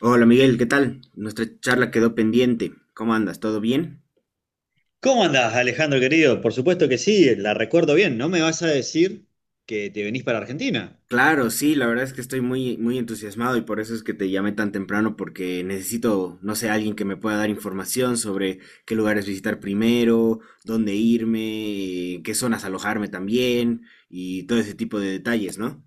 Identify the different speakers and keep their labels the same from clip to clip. Speaker 1: Hola Miguel, ¿qué tal? Nuestra charla quedó pendiente. ¿Cómo andas? ¿Todo bien?
Speaker 2: ¿Cómo andás, Alejandro querido? Por supuesto que sí, la recuerdo bien. No me vas a decir que te venís para Argentina.
Speaker 1: Claro, sí, la verdad es que estoy muy entusiasmado y por eso es que te llamé tan temprano porque necesito, no sé, alguien que me pueda dar información sobre qué lugares visitar primero, dónde irme, qué zonas alojarme también y todo ese tipo de detalles, ¿no?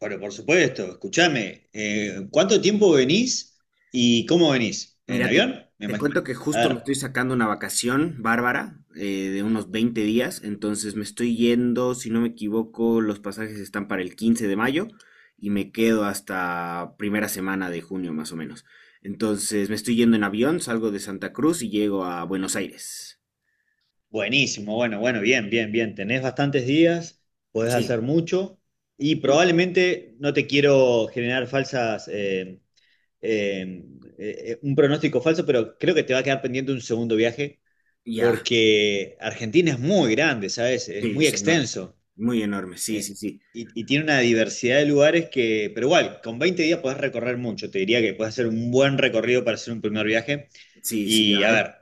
Speaker 2: Bueno, por supuesto, escúchame. ¿Cuánto tiempo venís y cómo venís? ¿En
Speaker 1: Mira, te,
Speaker 2: avión? Me
Speaker 1: te
Speaker 2: imagino.
Speaker 1: cuento que
Speaker 2: A
Speaker 1: justo me
Speaker 2: ver,
Speaker 1: estoy sacando una vacación bárbara de unos 20 días. Entonces me estoy yendo, si no me equivoco, los pasajes están para el 15 de mayo y me quedo hasta primera semana de junio más o menos. Entonces me estoy yendo en avión, salgo de Santa Cruz y llego a Buenos Aires.
Speaker 2: buenísimo, bueno, bueno, bien, bien, bien. Tenés bastantes días, podés
Speaker 1: Sí,
Speaker 2: hacer mucho y
Speaker 1: el-
Speaker 2: probablemente no te quiero generar falsas, eh, un pronóstico falso, pero creo que te va a quedar pendiente un segundo viaje
Speaker 1: ya,
Speaker 2: porque Argentina es muy grande, ¿sabes? Es
Speaker 1: sí,
Speaker 2: muy
Speaker 1: es enorme,
Speaker 2: extenso
Speaker 1: muy enorme, sí,
Speaker 2: eh,
Speaker 1: sí, sí,
Speaker 2: y tiene una diversidad de lugares que, pero igual, con 20 días podés recorrer mucho, te diría que puedes hacer un buen recorrido para hacer un primer viaje
Speaker 1: sí, sí, a
Speaker 2: y a
Speaker 1: ver,
Speaker 2: ver.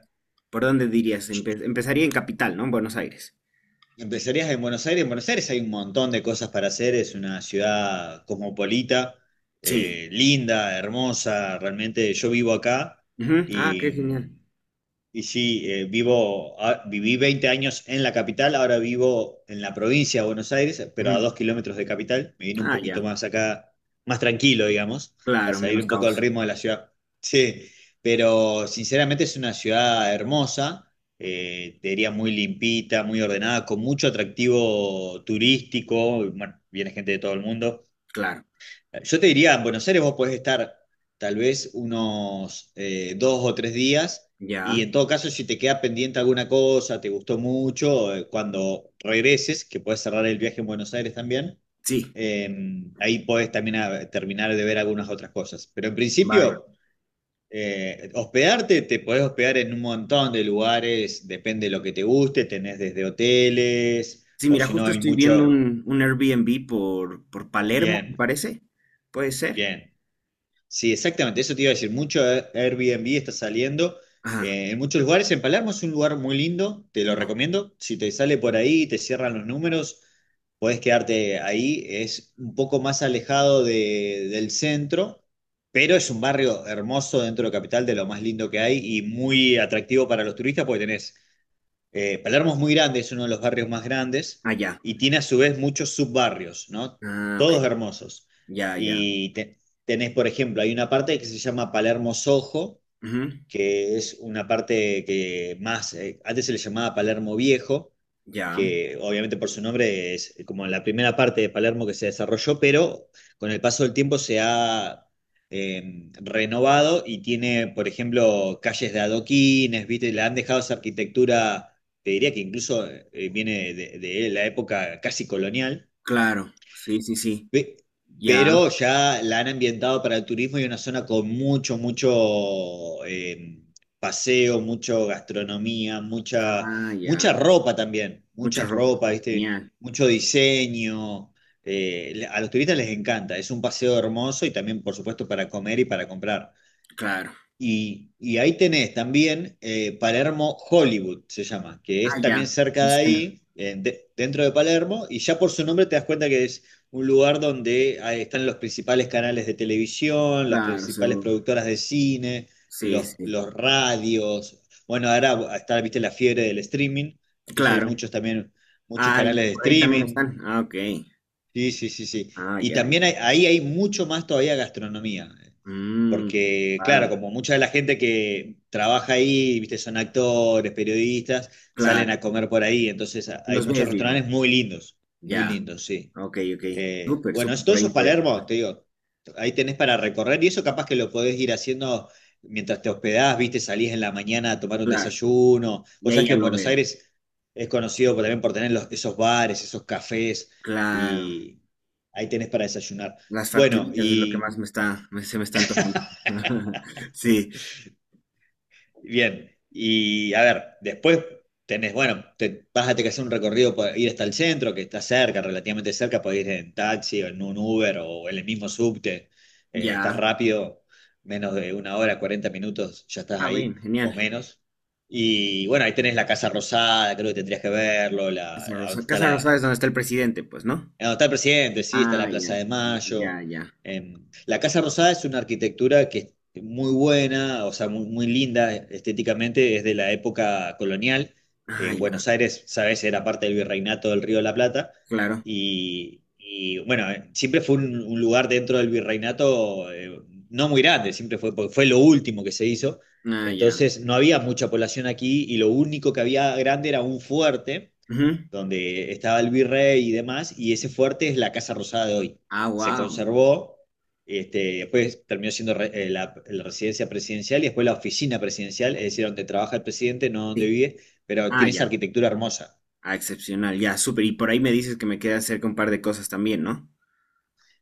Speaker 1: ¿por dónde dirías? Empezaría en Capital, ¿no? En Buenos Aires.
Speaker 2: Empezarías en Buenos Aires. En Buenos Aires hay un montón de cosas para hacer. Es una ciudad cosmopolita,
Speaker 1: Sí.
Speaker 2: linda, hermosa. Realmente yo vivo acá
Speaker 1: Ujú. Ah, qué
Speaker 2: y
Speaker 1: genial.
Speaker 2: Viví 20 años en la capital, ahora vivo en la provincia de Buenos Aires, pero a 2 kilómetros de capital. Me vine un
Speaker 1: Ah,
Speaker 2: poquito
Speaker 1: ya,
Speaker 2: más acá, más tranquilo, digamos, para
Speaker 1: claro,
Speaker 2: salir
Speaker 1: menos
Speaker 2: un poco del
Speaker 1: caos,
Speaker 2: ritmo de la ciudad. Sí, pero sinceramente es una ciudad hermosa, te diría muy limpita, muy ordenada, con mucho atractivo turístico. Bueno, viene gente de todo el mundo.
Speaker 1: claro,
Speaker 2: Yo te diría, en Buenos Aires vos podés estar tal vez unos dos o tres días
Speaker 1: ya,
Speaker 2: y en todo caso si te queda pendiente alguna cosa, te gustó mucho, cuando regreses, que podés cerrar el viaje en Buenos Aires también,
Speaker 1: sí,
Speaker 2: eh, ahí podés también terminar de ver algunas otras cosas. Pero en
Speaker 1: bárbaro.
Speaker 2: principio, hospedarte, te podés hospedar en un montón de lugares, depende de lo que te guste, tenés desde hoteles
Speaker 1: Sí,
Speaker 2: o
Speaker 1: mira,
Speaker 2: si no
Speaker 1: justo
Speaker 2: hay
Speaker 1: estoy viendo
Speaker 2: mucho.
Speaker 1: un Airbnb por Palermo, me
Speaker 2: Bien,
Speaker 1: parece, puede ser.
Speaker 2: bien. Sí, exactamente, eso te iba a decir. Mucho Airbnb está saliendo
Speaker 1: Ajá,
Speaker 2: en muchos lugares. En Palermo es un lugar muy lindo, te lo
Speaker 1: ya,
Speaker 2: recomiendo. Si te sale por ahí y te cierran los números, podés quedarte ahí. Es un poco más alejado del centro, pero es un barrio hermoso dentro de Capital, de lo más lindo que hay y muy atractivo para los turistas porque tenés Palermo es muy grande, es uno de los barrios más grandes
Speaker 1: ah, ya,
Speaker 2: y tiene a su vez muchos subbarrios, ¿no?
Speaker 1: ah, ok,
Speaker 2: Todos hermosos.
Speaker 1: ya, ya,
Speaker 2: Tenés, por ejemplo, hay una parte que se llama Palermo Sojo,
Speaker 1: ujú,
Speaker 2: que es una parte que más, antes se le llamaba Palermo Viejo,
Speaker 1: ya,
Speaker 2: que obviamente por su nombre es como la primera parte de Palermo que se desarrolló, pero con el paso del tiempo se ha renovado y tiene, por ejemplo, calles de adoquines, ¿viste? Le han dejado esa arquitectura, te diría que incluso viene de la época casi colonial.
Speaker 1: claro, sí, sí, sí,
Speaker 2: Pe-
Speaker 1: ya,
Speaker 2: Pero ya la han ambientado para el turismo y una zona con mucho, mucho paseo, mucho gastronomía, mucha,
Speaker 1: ah,
Speaker 2: mucha
Speaker 1: ya,
Speaker 2: ropa también,
Speaker 1: mucha
Speaker 2: mucha
Speaker 1: ropa,
Speaker 2: ropa, ¿viste?
Speaker 1: genial,
Speaker 2: Mucho diseño. A los turistas les encanta, es un paseo hermoso y también, por supuesto, para comer y para comprar.
Speaker 1: claro,
Speaker 2: Y ahí tenés también Palermo Hollywood, se llama, que
Speaker 1: ah,
Speaker 2: es
Speaker 1: ya,
Speaker 2: también cerca
Speaker 1: me
Speaker 2: de
Speaker 1: suena,
Speaker 2: ahí, dentro de Palermo, y ya por su nombre te das cuenta que es un lugar donde ahí están los principales canales de televisión, las
Speaker 1: claro,
Speaker 2: principales
Speaker 1: seguro,
Speaker 2: productoras de cine,
Speaker 1: sí, sí,
Speaker 2: los radios. Bueno, ahora está, viste, la fiebre del streaming, entonces hay
Speaker 1: claro,
Speaker 2: muchos también, muchos
Speaker 1: ah, y
Speaker 2: canales de
Speaker 1: por ahí también
Speaker 2: streaming.
Speaker 1: están, ah, ok,
Speaker 2: Sí, sí, sí, sí.
Speaker 1: ah, ya, ya,
Speaker 2: Ahí hay mucho más todavía gastronomía.
Speaker 1: mmm.
Speaker 2: Porque, claro, como mucha de la gente que trabaja ahí, viste, son actores, periodistas, salen a
Speaker 1: Claro,
Speaker 2: comer por ahí. Hay
Speaker 1: los
Speaker 2: muchos
Speaker 1: ves, digamos.
Speaker 2: restaurantes muy
Speaker 1: Ya,
Speaker 2: lindos, sí.
Speaker 1: ok, ok. Súper, súper,
Speaker 2: Todo
Speaker 1: por ahí
Speaker 2: eso
Speaker 1: me
Speaker 2: es
Speaker 1: voy a
Speaker 2: Palermo,
Speaker 1: pasar.
Speaker 2: te digo, ahí tenés para recorrer y eso capaz que lo podés ir haciendo mientras te hospedás, viste, salís en la mañana a tomar un
Speaker 1: Claro,
Speaker 2: desayuno.
Speaker 1: y
Speaker 2: Vos sabés
Speaker 1: ahí
Speaker 2: que
Speaker 1: ya
Speaker 2: en
Speaker 1: lo
Speaker 2: Buenos
Speaker 1: veo.
Speaker 2: Aires es conocido también por tener esos bares, esos cafés
Speaker 1: Claro,
Speaker 2: y ahí tenés para desayunar.
Speaker 1: las
Speaker 2: Bueno,
Speaker 1: facturitas es lo que
Speaker 2: y
Speaker 1: más me está, se me está antojando. Sí,
Speaker 2: bien, y a ver, después tenés, bueno, te, vas a tener que hacer un recorrido para ir hasta el centro, que está cerca, relativamente cerca, podés ir en taxi o en un Uber o en el mismo subte, estás
Speaker 1: ya.
Speaker 2: rápido, menos de una hora, 40 minutos, ya estás
Speaker 1: Ah, bien,
Speaker 2: ahí, o
Speaker 1: genial.
Speaker 2: menos. Y bueno, ahí tenés la Casa Rosada, creo que tendrías que verlo, la,
Speaker 1: Casa
Speaker 2: donde
Speaker 1: Rosada,
Speaker 2: está
Speaker 1: Casa
Speaker 2: la,
Speaker 1: Rosada es donde está el presidente, pues, ¿no?
Speaker 2: no, está el presidente, sí, está
Speaker 1: Ah,
Speaker 2: la Plaza
Speaker 1: ya,
Speaker 2: de Mayo.
Speaker 1: ya, ya.
Speaker 2: Eh, la Casa Rosada es una arquitectura que es muy buena, o sea, muy, muy linda estéticamente, es de la época colonial.
Speaker 1: Ah, ya,
Speaker 2: Buenos Aires, sabes, era parte del virreinato del Río de la Plata.
Speaker 1: claro.
Speaker 2: Y, bueno, siempre fue un lugar dentro del virreinato no muy grande, siempre fue, porque fue lo último que se hizo.
Speaker 1: Ah, ya.
Speaker 2: Entonces no había mucha población aquí y lo único que había grande era un fuerte
Speaker 1: Ujú.
Speaker 2: donde estaba el virrey y demás, y ese fuerte es la Casa Rosada de hoy.
Speaker 1: Ah,
Speaker 2: Se
Speaker 1: wow.
Speaker 2: conservó, este, después terminó siendo la, la residencia presidencial y después la oficina presidencial, es decir, donde trabaja el presidente, no donde
Speaker 1: Sí.
Speaker 2: vive, pero
Speaker 1: Ah,
Speaker 2: tiene esa
Speaker 1: ya.
Speaker 2: arquitectura hermosa.
Speaker 1: Ah, excepcional, ya, súper. Y por ahí me dices que me queda cerca un par de cosas también, ¿no?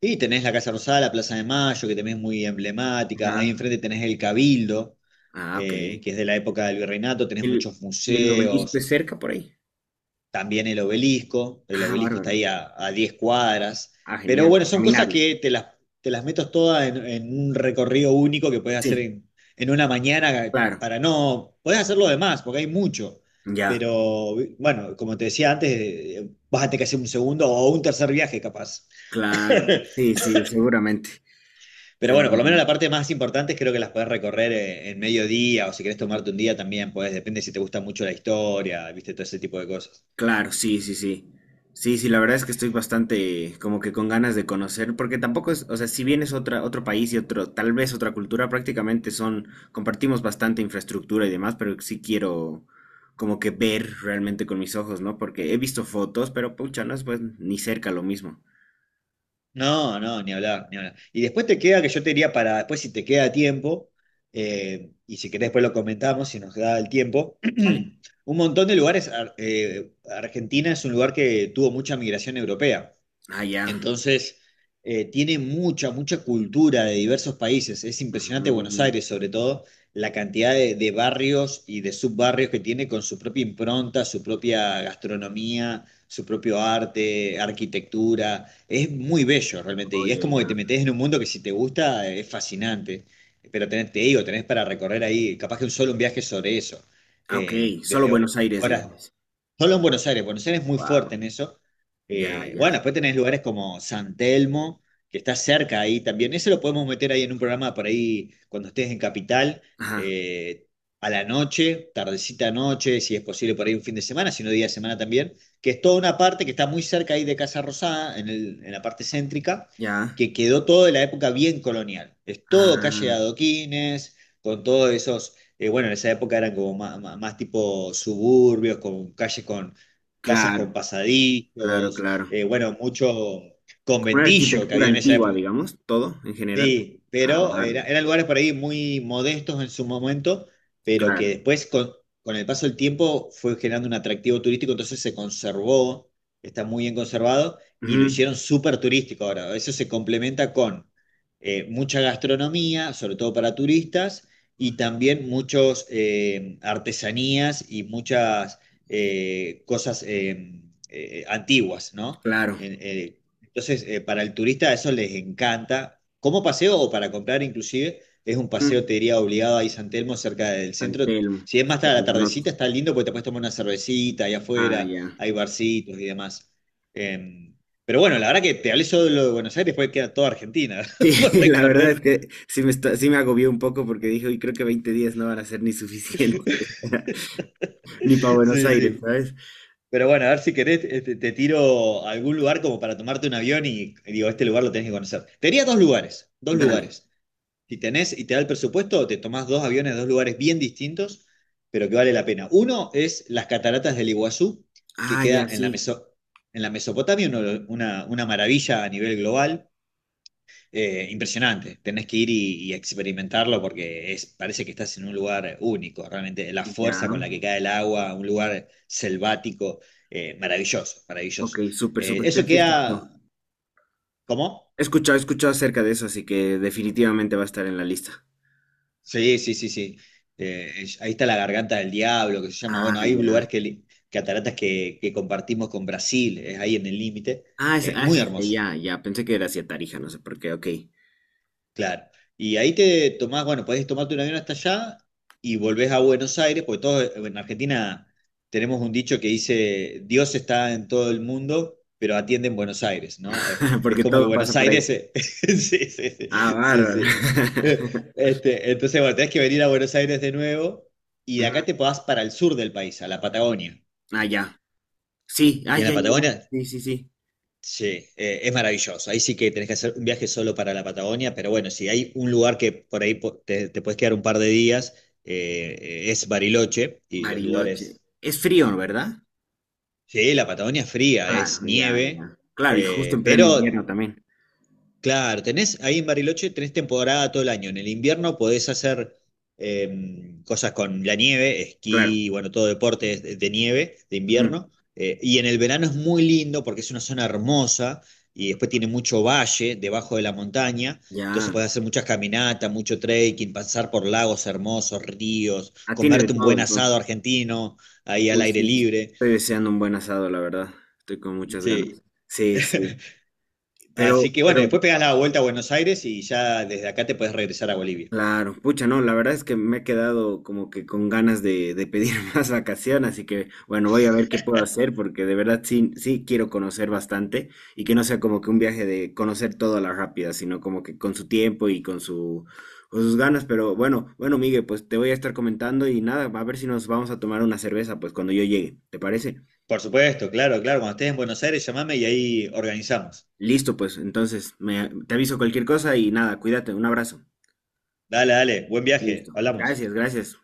Speaker 2: Y tenés la Casa Rosada, la Plaza de Mayo, que también es muy
Speaker 1: Ajá.
Speaker 2: emblemática. Ahí enfrente tenés el Cabildo,
Speaker 1: Ah, ok.
Speaker 2: que es de la época del virreinato. Tenés
Speaker 1: El,
Speaker 2: muchos
Speaker 1: ¿y el obelisco
Speaker 2: museos,
Speaker 1: es cerca por ahí?
Speaker 2: también el
Speaker 1: Ah,
Speaker 2: obelisco está
Speaker 1: bárbaro.
Speaker 2: ahí a 10 cuadras,
Speaker 1: Ah,
Speaker 2: pero
Speaker 1: genial.
Speaker 2: bueno,
Speaker 1: A
Speaker 2: son cosas
Speaker 1: caminarlo.
Speaker 2: que te las metes todas en un recorrido único que puedes hacer
Speaker 1: Sí,
Speaker 2: en una mañana
Speaker 1: claro.
Speaker 2: para no, podés hacer lo demás, porque hay mucho,
Speaker 1: Ya,
Speaker 2: pero bueno, como te decía antes, vas a tener que hacer un segundo o un tercer viaje capaz.
Speaker 1: claro. Sí, sí, seguramente.
Speaker 2: Pero bueno, por lo menos la
Speaker 1: Seguramente.
Speaker 2: parte más importante creo que las podés recorrer en mediodía o si querés tomarte un día también, podés, depende si te gusta mucho la historia, viste, todo ese tipo de cosas.
Speaker 1: Claro, sí, sí, sí. Sí, sí, la verdad es que estoy bastante como que con ganas de conocer, porque tampoco es, o sea, si bien es otra, otro país y otro, tal vez otra cultura, prácticamente son, compartimos bastante infraestructura y demás, pero sí quiero como que ver realmente con mis ojos, ¿no? Porque he visto fotos, pero pucha, no es pues ni cerca lo mismo.
Speaker 2: No, no, ni hablar, ni hablar. Y después te queda que yo te diría para, después si te queda tiempo, y si querés después lo comentamos, si nos da el tiempo,
Speaker 1: Vale.
Speaker 2: un montón de lugares, Argentina es un lugar que tuvo mucha migración europea.
Speaker 1: Ah, ya.
Speaker 2: Entonces, tiene mucha, mucha cultura de diversos países. Es impresionante Buenos
Speaker 1: Mm,
Speaker 2: Aires, sobre todo, la cantidad de barrios y de subbarrios que tiene con su propia impronta, su propia gastronomía, su propio arte, arquitectura. Es muy bello realmente. Y es
Speaker 1: oye,
Speaker 2: como que te
Speaker 1: ya.
Speaker 2: metes en un mundo que si te gusta es fascinante. Pero tenés, te digo, tenés para recorrer ahí, capaz que un solo un viaje sobre eso.
Speaker 1: Ah, ok,
Speaker 2: Eh,
Speaker 1: solo
Speaker 2: desde ho-
Speaker 1: Buenos Aires,
Speaker 2: horas.
Speaker 1: digamos.
Speaker 2: Solo en Buenos Aires, Buenos Aires es muy
Speaker 1: Wow,
Speaker 2: fuerte en eso.
Speaker 1: ya,
Speaker 2: Bueno,
Speaker 1: ya.
Speaker 2: después tenés lugares como San Telmo, que está cerca ahí también. Eso lo podemos meter ahí en un programa por ahí cuando estés en Capital,
Speaker 1: Ajá,
Speaker 2: eh, a la noche, tardecita noche, si es posible por ahí un fin de semana, si no día de semana también, que es toda una parte que está muy cerca ahí de Casa Rosada, en la parte céntrica,
Speaker 1: ya.
Speaker 2: que quedó todo de la época bien colonial. Es todo calle de
Speaker 1: Ah,
Speaker 2: adoquines, con todos esos bueno, en esa época eran como más, más tipo suburbios, con calles con casas con
Speaker 1: claro, claro,
Speaker 2: pasadizos,
Speaker 1: claro.
Speaker 2: bueno, mucho
Speaker 1: Como una
Speaker 2: conventillo que
Speaker 1: arquitectura
Speaker 2: había en esa
Speaker 1: antigua,
Speaker 2: época.
Speaker 1: digamos, todo en general.
Speaker 2: Sí,
Speaker 1: Ah, bárbaro,
Speaker 2: eran lugares por ahí muy modestos en su momento, pero que
Speaker 1: claro.
Speaker 2: después con el paso del tiempo fue generando un atractivo turístico, entonces se conservó, está muy bien conservado y lo
Speaker 1: Ujú,
Speaker 2: hicieron súper turístico ahora. Eso se complementa con mucha gastronomía, sobre todo para turistas, y también muchos artesanías y muchas cosas antiguas, ¿no?
Speaker 1: claro.
Speaker 2: Entonces, para el turista eso les encanta como paseo o para comprar inclusive. Es un paseo,
Speaker 1: Ujú.
Speaker 2: te diría, obligado ahí San Telmo, cerca del
Speaker 1: San
Speaker 2: centro.
Speaker 1: Telmo,
Speaker 2: Si es más
Speaker 1: súper
Speaker 2: tarde a la
Speaker 1: buenote.
Speaker 2: tardecita, está lindo porque te puedes tomar una cervecita ahí
Speaker 1: Ah,
Speaker 2: afuera,
Speaker 1: ya.
Speaker 2: hay barcitos y demás. Em, pero bueno, la verdad que te hablé solo de lo de Buenos Aires, después queda toda Argentina
Speaker 1: Sí,
Speaker 2: por
Speaker 1: la verdad es
Speaker 2: recorrer.
Speaker 1: que sí me, sí me agobió un poco porque dije, uy, creo que 20 días no van a ser ni suficientes, ni para Buenos
Speaker 2: Sí,
Speaker 1: Aires,
Speaker 2: sí.
Speaker 1: ¿sabes?
Speaker 2: Pero bueno, a ver si querés, este, te tiro a algún lugar como para tomarte un avión y digo, este lugar lo tenés que conocer. Te diría dos lugares, dos
Speaker 1: Dale.
Speaker 2: lugares. Si tenés y te da el presupuesto, te tomás dos aviones, de dos lugares bien distintos, pero que vale la pena. Uno es las cataratas del Iguazú, que
Speaker 1: Ah,
Speaker 2: queda
Speaker 1: ya
Speaker 2: en la,
Speaker 1: sí.
Speaker 2: En la Mesopotamia, una maravilla a nivel global. Impresionante, tenés que ir y experimentarlo porque es, parece que estás en un lugar único, realmente la
Speaker 1: Ya.
Speaker 2: fuerza con la que cae el agua, un lugar selvático, maravilloso,
Speaker 1: Ok,
Speaker 2: maravilloso.
Speaker 1: súper, súper. Creo
Speaker 2: Eso
Speaker 1: que he escuchado,
Speaker 2: queda, ¿cómo?
Speaker 1: he escuchado acerca de eso, así que definitivamente va a estar en la lista.
Speaker 2: Sí, sí, sí, sí. Ahí está la garganta del diablo, que se llama. Bueno,
Speaker 1: Ah,
Speaker 2: hay lugares
Speaker 1: ya.
Speaker 2: cataratas que compartimos con Brasil, es ahí en el límite.
Speaker 1: Ah, es
Speaker 2: Muy
Speaker 1: hacia
Speaker 2: hermoso.
Speaker 1: allá, ya. Pensé que era hacia Tarija, no sé por qué, ok.
Speaker 2: Claro. Y ahí te tomás, bueno, podés tomarte un avión hasta allá y volvés a Buenos Aires, porque todos en Argentina tenemos un dicho que dice, Dios está en todo el mundo, pero atiende en Buenos Aires, ¿no? Es
Speaker 1: Porque
Speaker 2: como que
Speaker 1: todo pasa
Speaker 2: Buenos
Speaker 1: por ahí.
Speaker 2: Aires... sí, sí,
Speaker 1: Ah,
Speaker 2: sí, sí,
Speaker 1: bárbaro.
Speaker 2: sí. Este, entonces, bueno, tenés que venir a Buenos Aires de nuevo y de
Speaker 1: Ujú,
Speaker 2: acá te podás para el sur del país, a la Patagonia.
Speaker 1: ah, ya. Sí, ah,
Speaker 2: Y en
Speaker 1: ya,
Speaker 2: la
Speaker 1: ya, ya,
Speaker 2: Patagonia
Speaker 1: sí, sí, sí.
Speaker 2: sí, es maravilloso. Ahí sí que tenés que hacer un viaje solo para la Patagonia, pero bueno, si hay un lugar que por ahí te puedes quedar un par de días, eh, es Bariloche y los
Speaker 1: Bariloche.
Speaker 2: lugares...
Speaker 1: Es frío,
Speaker 2: mm,
Speaker 1: ¿verdad?
Speaker 2: sí, la Patagonia es fría, es
Speaker 1: Claro, ya,
Speaker 2: nieve,
Speaker 1: ya. Claro, y justo
Speaker 2: eh,
Speaker 1: en pleno invierno
Speaker 2: pero
Speaker 1: también.
Speaker 2: claro, tenés ahí en Bariloche, tenés temporada todo el año. En el invierno podés hacer eh, cosas con la nieve,
Speaker 1: Claro.
Speaker 2: esquí, bueno, todo deporte es de nieve, de
Speaker 1: Ujú.
Speaker 2: invierno. Y en el verano es muy lindo porque es una zona hermosa y después tiene mucho valle debajo de la montaña. Entonces
Speaker 1: Ya.
Speaker 2: podés hacer muchas caminatas, mucho trekking, pasar por lagos hermosos, ríos,
Speaker 1: Ah, tiene de
Speaker 2: comerte un
Speaker 1: todo,
Speaker 2: buen asado
Speaker 1: entonces.
Speaker 2: argentino ahí al
Speaker 1: Uy,
Speaker 2: aire
Speaker 1: sí,
Speaker 2: libre.
Speaker 1: estoy deseando un buen asado, la verdad. Estoy con muchas ganas.
Speaker 2: Sí.
Speaker 1: Sí, sí. Pero,
Speaker 2: Así que bueno,
Speaker 1: pero,
Speaker 2: después pegás la vuelta a Buenos Aires y ya desde acá te podés regresar a Bolivia.
Speaker 1: claro, pucha, no, la verdad es que me he quedado como que con ganas de pedir más vacaciones, así que, bueno, voy a ver qué puedo hacer, porque de verdad sí, sí quiero conocer bastante y que no sea como que un viaje de conocer todo a la rápida, sino como que con su tiempo y con su, con sus ganas. Pero bueno, bueno, Miguel, pues te voy a estar comentando y nada, a ver si nos vamos a tomar una cerveza, pues cuando yo llegue, ¿te parece?
Speaker 2: Por supuesto, claro, claro. Cuando estés en Buenos Aires, llamame y ahí organizamos.
Speaker 1: Listo, pues, entonces, me, te aviso cualquier cosa y nada, cuídate, un abrazo.
Speaker 2: Dale, dale. Buen viaje.
Speaker 1: Listo.
Speaker 2: Hablamos.
Speaker 1: Gracias, gracias.